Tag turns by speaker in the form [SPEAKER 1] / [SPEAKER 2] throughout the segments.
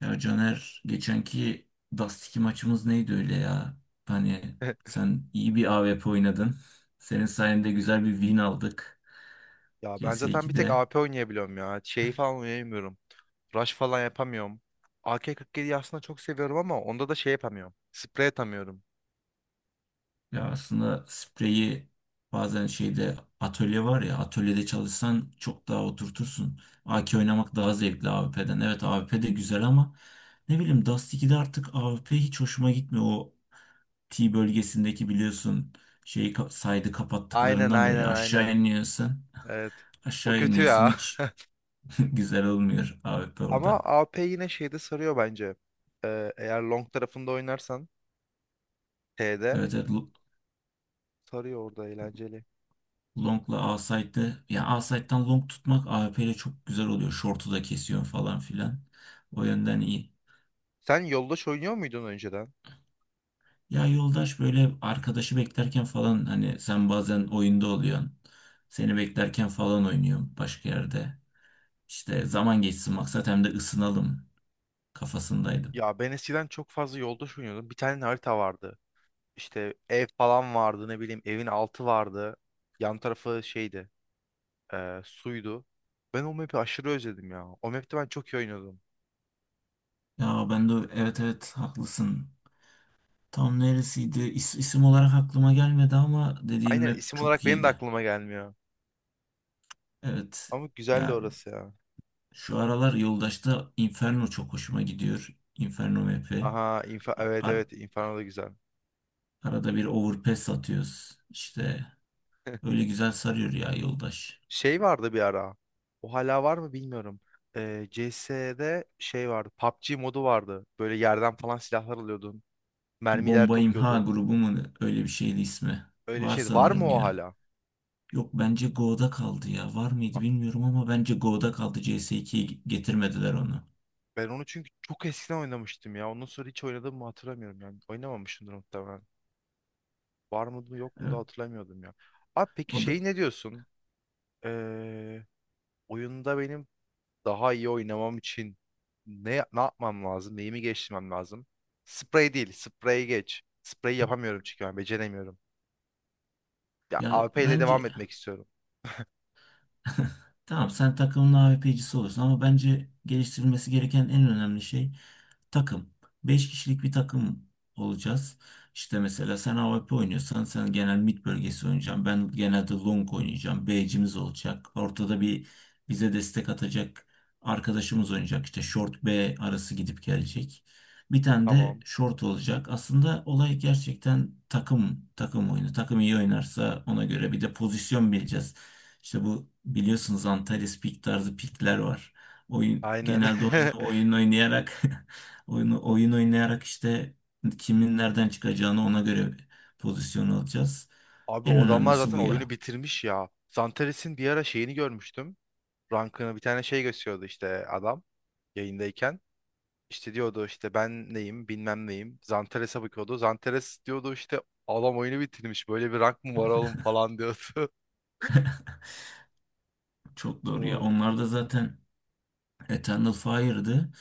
[SPEAKER 1] Ya Caner, geçenki Dust2 maçımız neydi öyle ya? Hani sen iyi bir A W P oynadın. Senin sayende güzel bir win aldık
[SPEAKER 2] Ya ben zaten bir tek
[SPEAKER 1] CS2'de.
[SPEAKER 2] AP oynayabiliyorum ya. Şeyi falan oynayamıyorum. Rush falan yapamıyorum. AK-47'yi aslında çok seviyorum ama onda da şey yapamıyorum. Sprey atamıyorum.
[SPEAKER 1] Ya aslında spreyi bazen şeyde atölye var ya, atölyede çalışsan çok daha oturtursun. AK oynamak daha zevkli A W P'den. Evet, A W P de güzel ama ne bileyim, Dust2'de artık A W P hiç hoşuma gitmiyor. O T bölgesindeki biliyorsun side'ı
[SPEAKER 2] Aynen,
[SPEAKER 1] kapattıklarından beri
[SPEAKER 2] aynen,
[SPEAKER 1] aşağı
[SPEAKER 2] aynen.
[SPEAKER 1] iniyorsun.
[SPEAKER 2] Evet. O
[SPEAKER 1] Aşağı
[SPEAKER 2] kötü
[SPEAKER 1] iniyorsun
[SPEAKER 2] ya.
[SPEAKER 1] hiç güzel olmuyor AWP
[SPEAKER 2] Ama
[SPEAKER 1] orada.
[SPEAKER 2] AP yine şeyde sarıyor bence. Eğer long tarafında oynarsan T'de
[SPEAKER 1] Evet, evet,
[SPEAKER 2] sarıyor orada eğlenceli.
[SPEAKER 1] Long'la A-Side'de, yani A-Side'dan Long tutmak AWP ile çok güzel oluyor. Short'u da kesiyor falan filan. O
[SPEAKER 2] Hmm.
[SPEAKER 1] yönden iyi.
[SPEAKER 2] Sen yoldaş oynuyor muydun önceden?
[SPEAKER 1] Ya yoldaş böyle arkadaşı beklerken falan, hani sen bazen oyunda oluyorsun. Seni beklerken falan oynuyorum başka yerde. İşte zaman geçsin maksat, hem de ısınalım kafasındaydım.
[SPEAKER 2] Ya ben eskiden çok fazla yoldaş oynuyordum. Bir tane harita vardı. İşte ev falan vardı, ne bileyim, evin altı vardı. Yan tarafı şeydi, suydu. Ben o map'i aşırı özledim ya. O map'te ben çok iyi oynuyordum.
[SPEAKER 1] Ya ben de evet, evet haklısın. Tam neresiydi? İsim olarak aklıma gelmedi ama dediğin
[SPEAKER 2] Aynen,
[SPEAKER 1] rap
[SPEAKER 2] isim olarak
[SPEAKER 1] çok
[SPEAKER 2] benim de
[SPEAKER 1] iyiydi.
[SPEAKER 2] aklıma gelmiyor.
[SPEAKER 1] Evet.
[SPEAKER 2] Ama güzeldi
[SPEAKER 1] Ya
[SPEAKER 2] orası ya.
[SPEAKER 1] şu aralar Yoldaş'ta Inferno çok hoşuma gidiyor. Inferno map'i.
[SPEAKER 2] Aha, infa,
[SPEAKER 1] A-
[SPEAKER 2] evet,
[SPEAKER 1] ar-
[SPEAKER 2] evet, Inferno da güzel.
[SPEAKER 1] Arada bir overpass atıyoruz. İşte öyle güzel sarıyor ya Yoldaş.
[SPEAKER 2] Şey vardı bir ara. O hala var mı bilmiyorum. CS'de şey vardı. PUBG modu vardı. Böyle yerden falan silahlar alıyordun. Mermiler
[SPEAKER 1] Bomba İmha
[SPEAKER 2] topluyordun.
[SPEAKER 1] grubu mu, ne? Öyle bir şeydi ismi.
[SPEAKER 2] Öyle bir
[SPEAKER 1] Var
[SPEAKER 2] şeydi. Var mı
[SPEAKER 1] sanırım
[SPEAKER 2] o
[SPEAKER 1] ya.
[SPEAKER 2] hala?
[SPEAKER 1] Yok, bence Go'da kaldı ya. Var mıydı bilmiyorum ama bence Go'da kaldı. CS2'ye getirmediler onu.
[SPEAKER 2] Ben onu çünkü çok eskiden oynamıştım ya. Ondan sonra hiç oynadığımı hatırlamıyorum yani. Oynamamışımdır muhtemelen. Var mıydı yok mu da
[SPEAKER 1] Evet.
[SPEAKER 2] hatırlamıyordum ya. Abi peki
[SPEAKER 1] O da.
[SPEAKER 2] şey ne diyorsun? Ee, oyunda benim daha iyi oynamam için ne yapmam lazım? Neyimi geliştirmem lazım? Sprey değil. Sprey geç. Sprey yapamıyorum çünkü ben beceremiyorum. Ya
[SPEAKER 1] Ya
[SPEAKER 2] AP ile devam
[SPEAKER 1] bence.
[SPEAKER 2] etmek istiyorum.
[SPEAKER 1] Tamam, sen takımın AVP'cisi olursun ama bence geliştirilmesi gereken en önemli şey takım. Beş kişilik bir takım olacağız. İşte mesela sen AWP oynuyorsan sen genel mid bölgesi oynayacaksın. Ben genelde long oynayacağım. B'cimiz olacak. Ortada
[SPEAKER 2] Hı,
[SPEAKER 1] bir bize destek atacak arkadaşımız oynayacak. İşte short B arası gidip gelecek. Bir tane de
[SPEAKER 2] tamam.
[SPEAKER 1] short olacak. Aslında olay gerçekten takım takım oyunu. Takım iyi oynarsa ona göre bir de pozisyon bileceğiz. İşte bu biliyorsunuz, Antares pik tarzı pikler var. Oyun
[SPEAKER 2] Aynen.
[SPEAKER 1] genelde oyunu oyun oynayarak oyunu, oyun oynayarak işte kimin nereden çıkacağını ona göre pozisyon alacağız.
[SPEAKER 2] Abi
[SPEAKER 1] En
[SPEAKER 2] o adamlar
[SPEAKER 1] önemlisi
[SPEAKER 2] zaten
[SPEAKER 1] bu
[SPEAKER 2] oyunu
[SPEAKER 1] ya.
[SPEAKER 2] bitirmiş ya. Zantares'in bir ara şeyini görmüştüm. Rankını bir tane şey gösteriyordu işte adam yayındayken. İşte diyordu işte ben neyim bilmem neyim. Zanteres'e bakıyordu. Zanteres diyordu işte adam oyunu bitirmiş, böyle bir rank mı var oğlum falan diyordu.
[SPEAKER 1] Çok doğru ya.
[SPEAKER 2] Oo.
[SPEAKER 1] Onlar da zaten Eternal Fire'dı.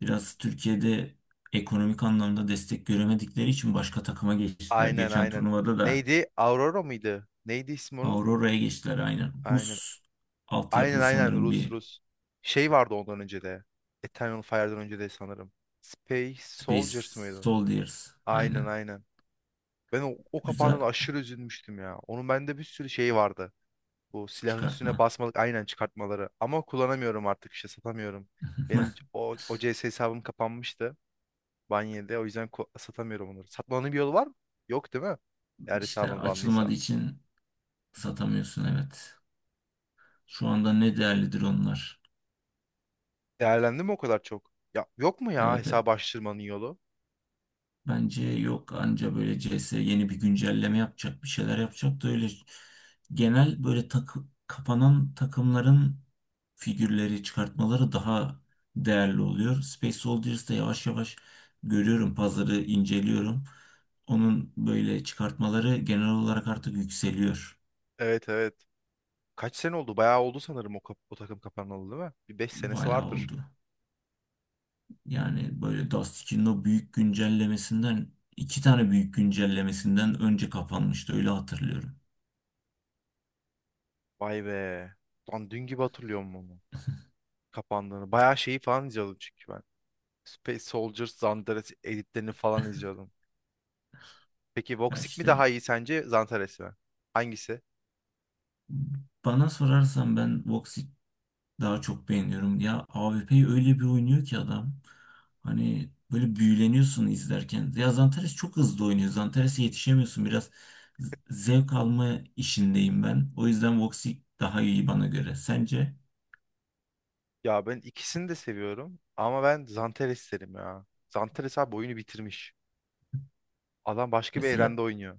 [SPEAKER 1] Biraz Türkiye'de ekonomik anlamda destek göremedikleri için başka takıma geçtiler.
[SPEAKER 2] Aynen,
[SPEAKER 1] Geçen
[SPEAKER 2] aynen.
[SPEAKER 1] turnuvada da
[SPEAKER 2] Neydi? Aurora mıydı? Neydi ismi onun?
[SPEAKER 1] Aurora'ya geçtiler aynen.
[SPEAKER 2] Aynen.
[SPEAKER 1] Rus
[SPEAKER 2] Aynen,
[SPEAKER 1] altyapılı
[SPEAKER 2] aynen,
[SPEAKER 1] sanırım
[SPEAKER 2] Rus
[SPEAKER 1] bir
[SPEAKER 2] Rus. Şey vardı ondan önce de. Eternal Fire'dan önce de sanırım. Space Soldiers
[SPEAKER 1] Space
[SPEAKER 2] mıydı?
[SPEAKER 1] Soldiers
[SPEAKER 2] Aynen,
[SPEAKER 1] aynen.
[SPEAKER 2] aynen. Ben o kapağından
[SPEAKER 1] Güzel
[SPEAKER 2] aşırı üzülmüştüm ya. Onun bende bir sürü şeyi vardı. Bu silahın üstüne
[SPEAKER 1] çıkartma.
[SPEAKER 2] basmalık aynen çıkartmaları. Ama kullanamıyorum artık, işte satamıyorum. Benim o CS hesabım kapanmıştı. Banye'de o yüzden satamıyorum onları. Satmanın bir yolu var mı? Yok değil mi? Eğer
[SPEAKER 1] İşte
[SPEAKER 2] hesabın banlıysa. Hı
[SPEAKER 1] açılmadığı için
[SPEAKER 2] hı.
[SPEAKER 1] satamıyorsun, evet. Şu anda ne değerlidir onlar?
[SPEAKER 2] Değerlendi mi o kadar çok? Ya yok mu ya
[SPEAKER 1] Evet, evet.
[SPEAKER 2] hesabı açtırmanın yolu?
[SPEAKER 1] Bence yok, anca böyle C S yeni bir güncelleme yapacak, bir şeyler yapacak da öyle genel böyle kapanan takımların figürleri çıkartmaları daha değerli oluyor. Space Soldiers'da yavaş yavaş görüyorum, pazarı inceliyorum. Onun böyle çıkartmaları genel olarak artık yükseliyor.
[SPEAKER 2] Evet, evet. Kaç sene oldu? Bayağı oldu sanırım o takım kapanalı değil mi? Bir 5 senesi
[SPEAKER 1] Bayağı
[SPEAKER 2] vardır.
[SPEAKER 1] oldu. Yani böyle Dusty'nin o büyük güncellemesinden, iki tane büyük güncellemesinden önce kapanmıştı öyle hatırlıyorum.
[SPEAKER 2] Vay be. Lan dün gibi hatırlıyorum onu. Kapandığını. Bayağı şeyi falan izliyordum çünkü ben. Space Soldiers, Zandares editlerini falan izliyordum. Peki
[SPEAKER 1] Ya
[SPEAKER 2] Voxic mi
[SPEAKER 1] işte,
[SPEAKER 2] daha iyi sence Zantares mi? Hangisi?
[SPEAKER 1] bana sorarsan ben Voxit daha çok beğeniyorum. Ya AWP'yi öyle bir oynuyor ki adam. Hani böyle büyüleniyorsun izlerken. Ya Zantares çok hızlı oynuyor. Zantares'e yetişemiyorsun. Biraz zevk alma işindeyim ben. O yüzden Voxit daha iyi bana göre. Sence?
[SPEAKER 2] Ya ben ikisini de seviyorum ama ben Zantares derim ya. Zantares abi oyunu bitirmiş. Adam başka bir evrende
[SPEAKER 1] Mesela
[SPEAKER 2] oynuyor.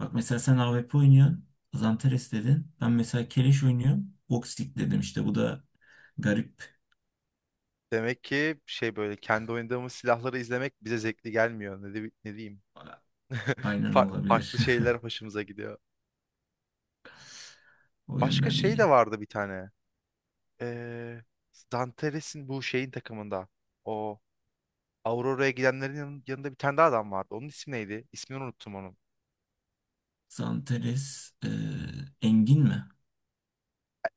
[SPEAKER 1] Bak mesela sen AWP oynuyorsun. Zanteres dedin. Ben mesela Keleş oynuyorum. Voxic dedim işte. Bu da garip.
[SPEAKER 2] Demek ki şey böyle kendi oynadığımız silahları izlemek bize zevkli gelmiyor. Ne diyeyim?
[SPEAKER 1] A- Aynen olabilir.
[SPEAKER 2] Farklı şeyler hoşumuza gidiyor.
[SPEAKER 1] O
[SPEAKER 2] Başka
[SPEAKER 1] yönden
[SPEAKER 2] şey de
[SPEAKER 1] iyi.
[SPEAKER 2] vardı bir tane. Ee, Zantares'in bu şeyin takımında. O Aurora'ya gidenlerin yanında bir tane daha adam vardı. Onun ismi neydi? İsmini unuttum onun.
[SPEAKER 1] Zanteres, Engin mi?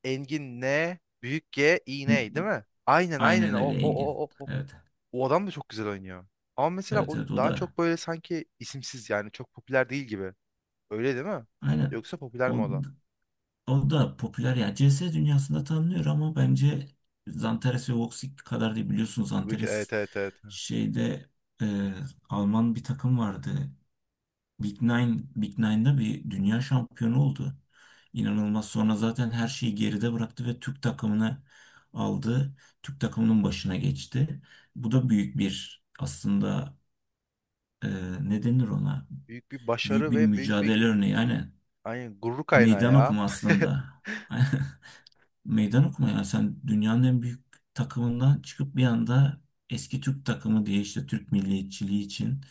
[SPEAKER 2] Engin N, büyük G,
[SPEAKER 1] N-
[SPEAKER 2] iğne değil mi? Aynen, aynen,
[SPEAKER 1] Aynen
[SPEAKER 2] o,
[SPEAKER 1] öyle
[SPEAKER 2] o,
[SPEAKER 1] Engin.
[SPEAKER 2] o, o. O
[SPEAKER 1] Evet.
[SPEAKER 2] O adam da çok güzel oynuyor. Ama mesela
[SPEAKER 1] Evet,
[SPEAKER 2] o
[SPEAKER 1] evet o
[SPEAKER 2] daha
[SPEAKER 1] da.
[SPEAKER 2] çok böyle sanki isimsiz yani çok popüler değil gibi. Öyle değil mi?
[SPEAKER 1] Aynen.
[SPEAKER 2] Yoksa popüler mi
[SPEAKER 1] O,
[SPEAKER 2] o da?
[SPEAKER 1] o da popüler yani. CS dünyasında tanınıyor ama bence Zanteres ve Voxic kadar değil biliyorsunuz.
[SPEAKER 2] Büyük, evet,
[SPEAKER 1] Zanteres
[SPEAKER 2] evet, evet.
[SPEAKER 1] şeyde, e, Alman bir takım vardı. Big Nine'da bir dünya şampiyonu oldu. İnanılmaz. Sonra zaten her şeyi geride bıraktı ve Türk takımını aldı. Türk takımının başına geçti. Bu da büyük bir aslında, e, ne denir ona?
[SPEAKER 2] Büyük bir
[SPEAKER 1] Büyük
[SPEAKER 2] başarı
[SPEAKER 1] bir
[SPEAKER 2] ve büyük bir,
[SPEAKER 1] mücadele örneği. Yani
[SPEAKER 2] aynen, gurur kaynağı
[SPEAKER 1] meydan
[SPEAKER 2] ya.
[SPEAKER 1] okuma aslında. Meydan okuma, yani sen dünyanın en büyük takımından çıkıp bir anda eski Türk takımı diye, işte Türk milliyetçiliği için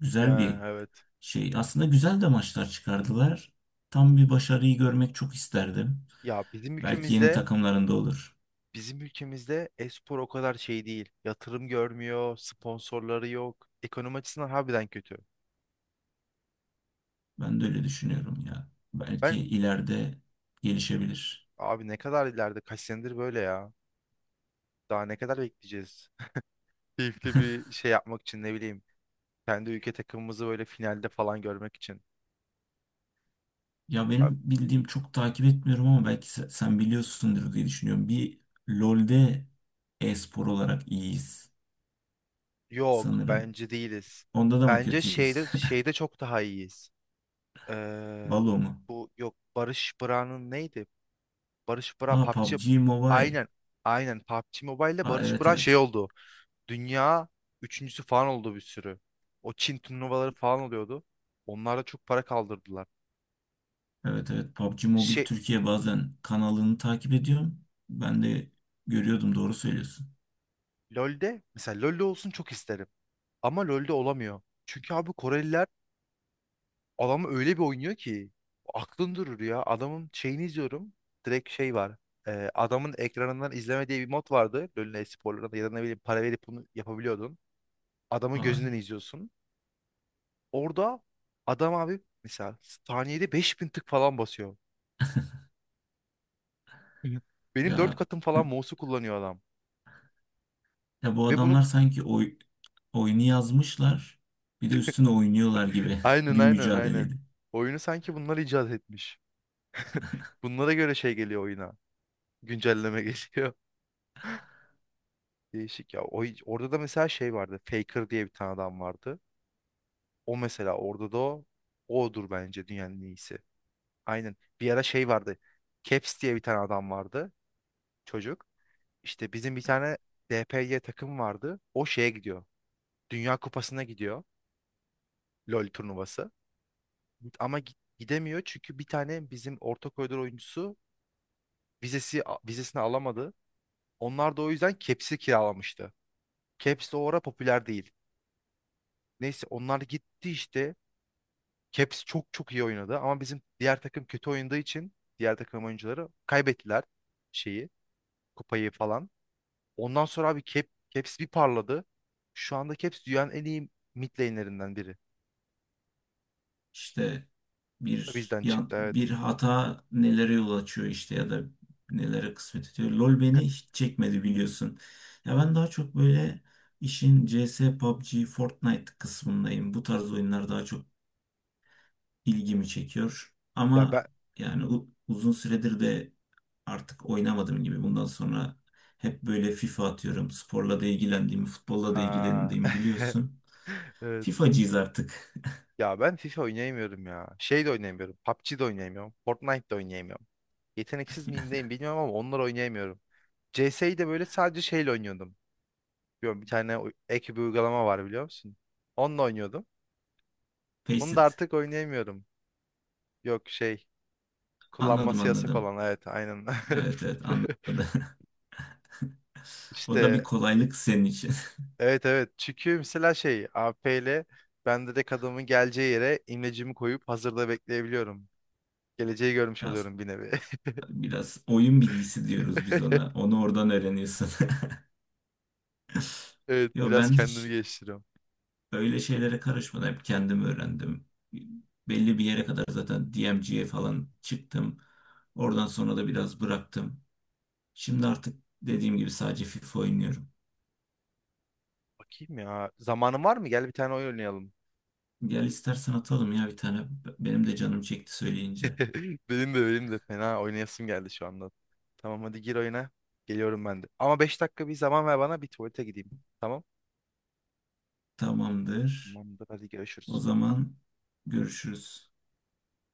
[SPEAKER 1] güzel
[SPEAKER 2] Yani
[SPEAKER 1] bir
[SPEAKER 2] evet.
[SPEAKER 1] şey, aslında güzel de maçlar çıkardılar. Tam bir başarıyı görmek çok isterdim.
[SPEAKER 2] Ya bizim
[SPEAKER 1] Belki yeni
[SPEAKER 2] ülkemizde
[SPEAKER 1] takımlarında olur.
[SPEAKER 2] bizim ülkemizde e-spor o kadar şey değil. Yatırım görmüyor, sponsorları yok. Ekonomi açısından harbiden kötü.
[SPEAKER 1] Ben de öyle düşünüyorum ya. Belki
[SPEAKER 2] Ben
[SPEAKER 1] ileride gelişebilir.
[SPEAKER 2] abi ne kadar ileride, kaç senedir böyle ya. Daha ne kadar bekleyeceğiz? Keyifli bir şey yapmak için, ne bileyim, kendi ülke takımımızı böyle finalde falan görmek için.
[SPEAKER 1] Ya
[SPEAKER 2] Ben,
[SPEAKER 1] benim bildiğim, çok takip etmiyorum ama belki sen biliyorsundur diye düşünüyorum. Bir LoL'de e-spor olarak iyiyiz
[SPEAKER 2] yok,
[SPEAKER 1] sanırım.
[SPEAKER 2] bence değiliz.
[SPEAKER 1] Onda da mı
[SPEAKER 2] Bence
[SPEAKER 1] kötüyüz?
[SPEAKER 2] şeyde çok daha iyiyiz. Ee,
[SPEAKER 1] Valo mu?
[SPEAKER 2] bu yok, Barış Bıra'nın neydi? Barış Bıra
[SPEAKER 1] Ha,
[SPEAKER 2] PUBG.
[SPEAKER 1] PUBG Mobile.
[SPEAKER 2] Aynen. Aynen PUBG Mobile'de
[SPEAKER 1] Ha,
[SPEAKER 2] Barış
[SPEAKER 1] evet,
[SPEAKER 2] Bıra şey
[SPEAKER 1] evet.
[SPEAKER 2] oldu. Dünya üçüncüsü falan oldu, bir sürü. O Çin turnuvaları falan oluyordu. Onlar da çok para kaldırdılar.
[SPEAKER 1] Evet, evet PUBG Mobile
[SPEAKER 2] Şey
[SPEAKER 1] Türkiye bazen kanalını takip ediyorum. Ben de görüyordum, doğru söylüyorsun.
[SPEAKER 2] LoL'de, mesela LoL'de olsun çok isterim. Ama LoL'de olamıyor. Çünkü abi Koreliler adamı öyle bir oynuyor ki aklın durur ya. Adamın şeyini izliyorum. Direkt şey var. Adamın ekranından izleme diye bir mod vardı. LoL'ün e-sporlarında ya da ne bileyim para verip bunu yapabiliyordun. Adamın gözünden
[SPEAKER 1] Ay,
[SPEAKER 2] izliyorsun. Orada adam abi mesela saniyede 5.000 tık falan basıyor. Hı. Benim 4
[SPEAKER 1] ya
[SPEAKER 2] katım falan mouse'u kullanıyor adam.
[SPEAKER 1] ya bu
[SPEAKER 2] Ve bunu,
[SPEAKER 1] adamlar sanki oyunu yazmışlar bir de üstüne oynuyorlar gibi
[SPEAKER 2] aynen,
[SPEAKER 1] bir
[SPEAKER 2] aynen, aynen.
[SPEAKER 1] mücadeleydi.
[SPEAKER 2] Oyunu sanki bunlar icat etmiş. Bunlara göre şey geliyor oyuna. Güncelleme geliyor. Değişik ya. Orada da mesela şey vardı. Faker diye bir tane adam vardı. O mesela orada da o. Odur bence dünyanın en iyisi. Aynen. Bir ara şey vardı. Caps diye bir tane adam vardı. Çocuk. İşte bizim bir tane DPY takım vardı. O şeye gidiyor. Dünya Kupası'na gidiyor. LoL turnuvası. Ama gidemiyor çünkü bir tane bizim orta koridor oyuncusu vizesini alamadı. Onlar da o yüzden Caps'i kiralamıştı. Caps de o ara popüler değil. Neyse onlar gitti işte. Caps çok çok iyi oynadı ama bizim diğer takım kötü oynadığı için diğer takım oyuncuları kaybettiler şeyi, kupayı falan. Ondan sonra abi Caps bir parladı. Şu anda Caps dünyanın en iyi mid lane'lerinden biri.
[SPEAKER 1] İşte
[SPEAKER 2] Bizden çıktı, evet.
[SPEAKER 1] bir hata nelere yol açıyor, işte ya da nelere kısmet ediyor. LoL beni hiç çekmedi biliyorsun. Ya ben daha çok böyle işin CS, PUBG, Fortnite kısmındayım. Bu tarz oyunlar daha çok
[SPEAKER 2] Hmm.
[SPEAKER 1] ilgimi çekiyor.
[SPEAKER 2] Ya ben.
[SPEAKER 1] Ama yani uzun süredir de artık oynamadığım gibi bundan sonra hep böyle FIFA atıyorum. Sporla da ilgilendiğimi, futbolla da
[SPEAKER 2] Aa.
[SPEAKER 1] ilgilendiğimi biliyorsun.
[SPEAKER 2] Evet.
[SPEAKER 1] FIFA'cıyız artık.
[SPEAKER 2] Ya ben FIFA oynayamıyorum ya. Şey de oynayamıyorum. PUBG de oynayamıyorum. Fortnite de oynayamıyorum. Yeteneksiz miyim, neyim bilmiyorum, ama onları oynayamıyorum. CS'yi de böyle sadece şeyle oynuyordum. Biliyorum, bir tane ek bir uygulama var, biliyor musun? Onunla oynuyordum.
[SPEAKER 1] Pace
[SPEAKER 2] Bunu da
[SPEAKER 1] it.
[SPEAKER 2] artık oynayamıyorum. Yok, şey,
[SPEAKER 1] Anladım,
[SPEAKER 2] kullanması yasak
[SPEAKER 1] anladım.
[SPEAKER 2] olan, evet, aynen.
[SPEAKER 1] Evet, evet, anladım. O da bir
[SPEAKER 2] İşte,
[SPEAKER 1] kolaylık senin için.
[SPEAKER 2] evet, evet, çünkü mesela şey AP ile ben direkt adamın geleceği yere imlecimi koyup hazırda bekleyebiliyorum. Geleceği görmüş
[SPEAKER 1] Biraz,
[SPEAKER 2] oluyorum bir nevi.
[SPEAKER 1] biraz oyun bilgisi diyoruz biz ona. Onu oradan öğreniyorsun.
[SPEAKER 2] Evet,
[SPEAKER 1] Yo
[SPEAKER 2] biraz
[SPEAKER 1] ben
[SPEAKER 2] kendimi
[SPEAKER 1] hiç
[SPEAKER 2] geliştiriyorum.
[SPEAKER 1] öyle şeylere karışmadan hep kendim öğrendim. Belli bir yere kadar zaten DMG'ye falan çıktım. Oradan sonra da biraz bıraktım. Şimdi artık dediğim gibi sadece FIFA oynuyorum.
[SPEAKER 2] Bakayım ya, zamanım var mı? Gel bir tane oyun oynayalım.
[SPEAKER 1] Gel istersen atalım ya bir tane. Benim de canım çekti söyleyince.
[SPEAKER 2] Benim de fena oynayasım geldi şu anda. Tamam, hadi gir oyuna. Geliyorum ben de. Ama 5 dakika bir zaman ver bana, bir tuvalete gideyim. Tamam.
[SPEAKER 1] Tamamdır.
[SPEAKER 2] Tamamdır, hadi
[SPEAKER 1] O
[SPEAKER 2] görüşürüz.
[SPEAKER 1] zaman görüşürüz.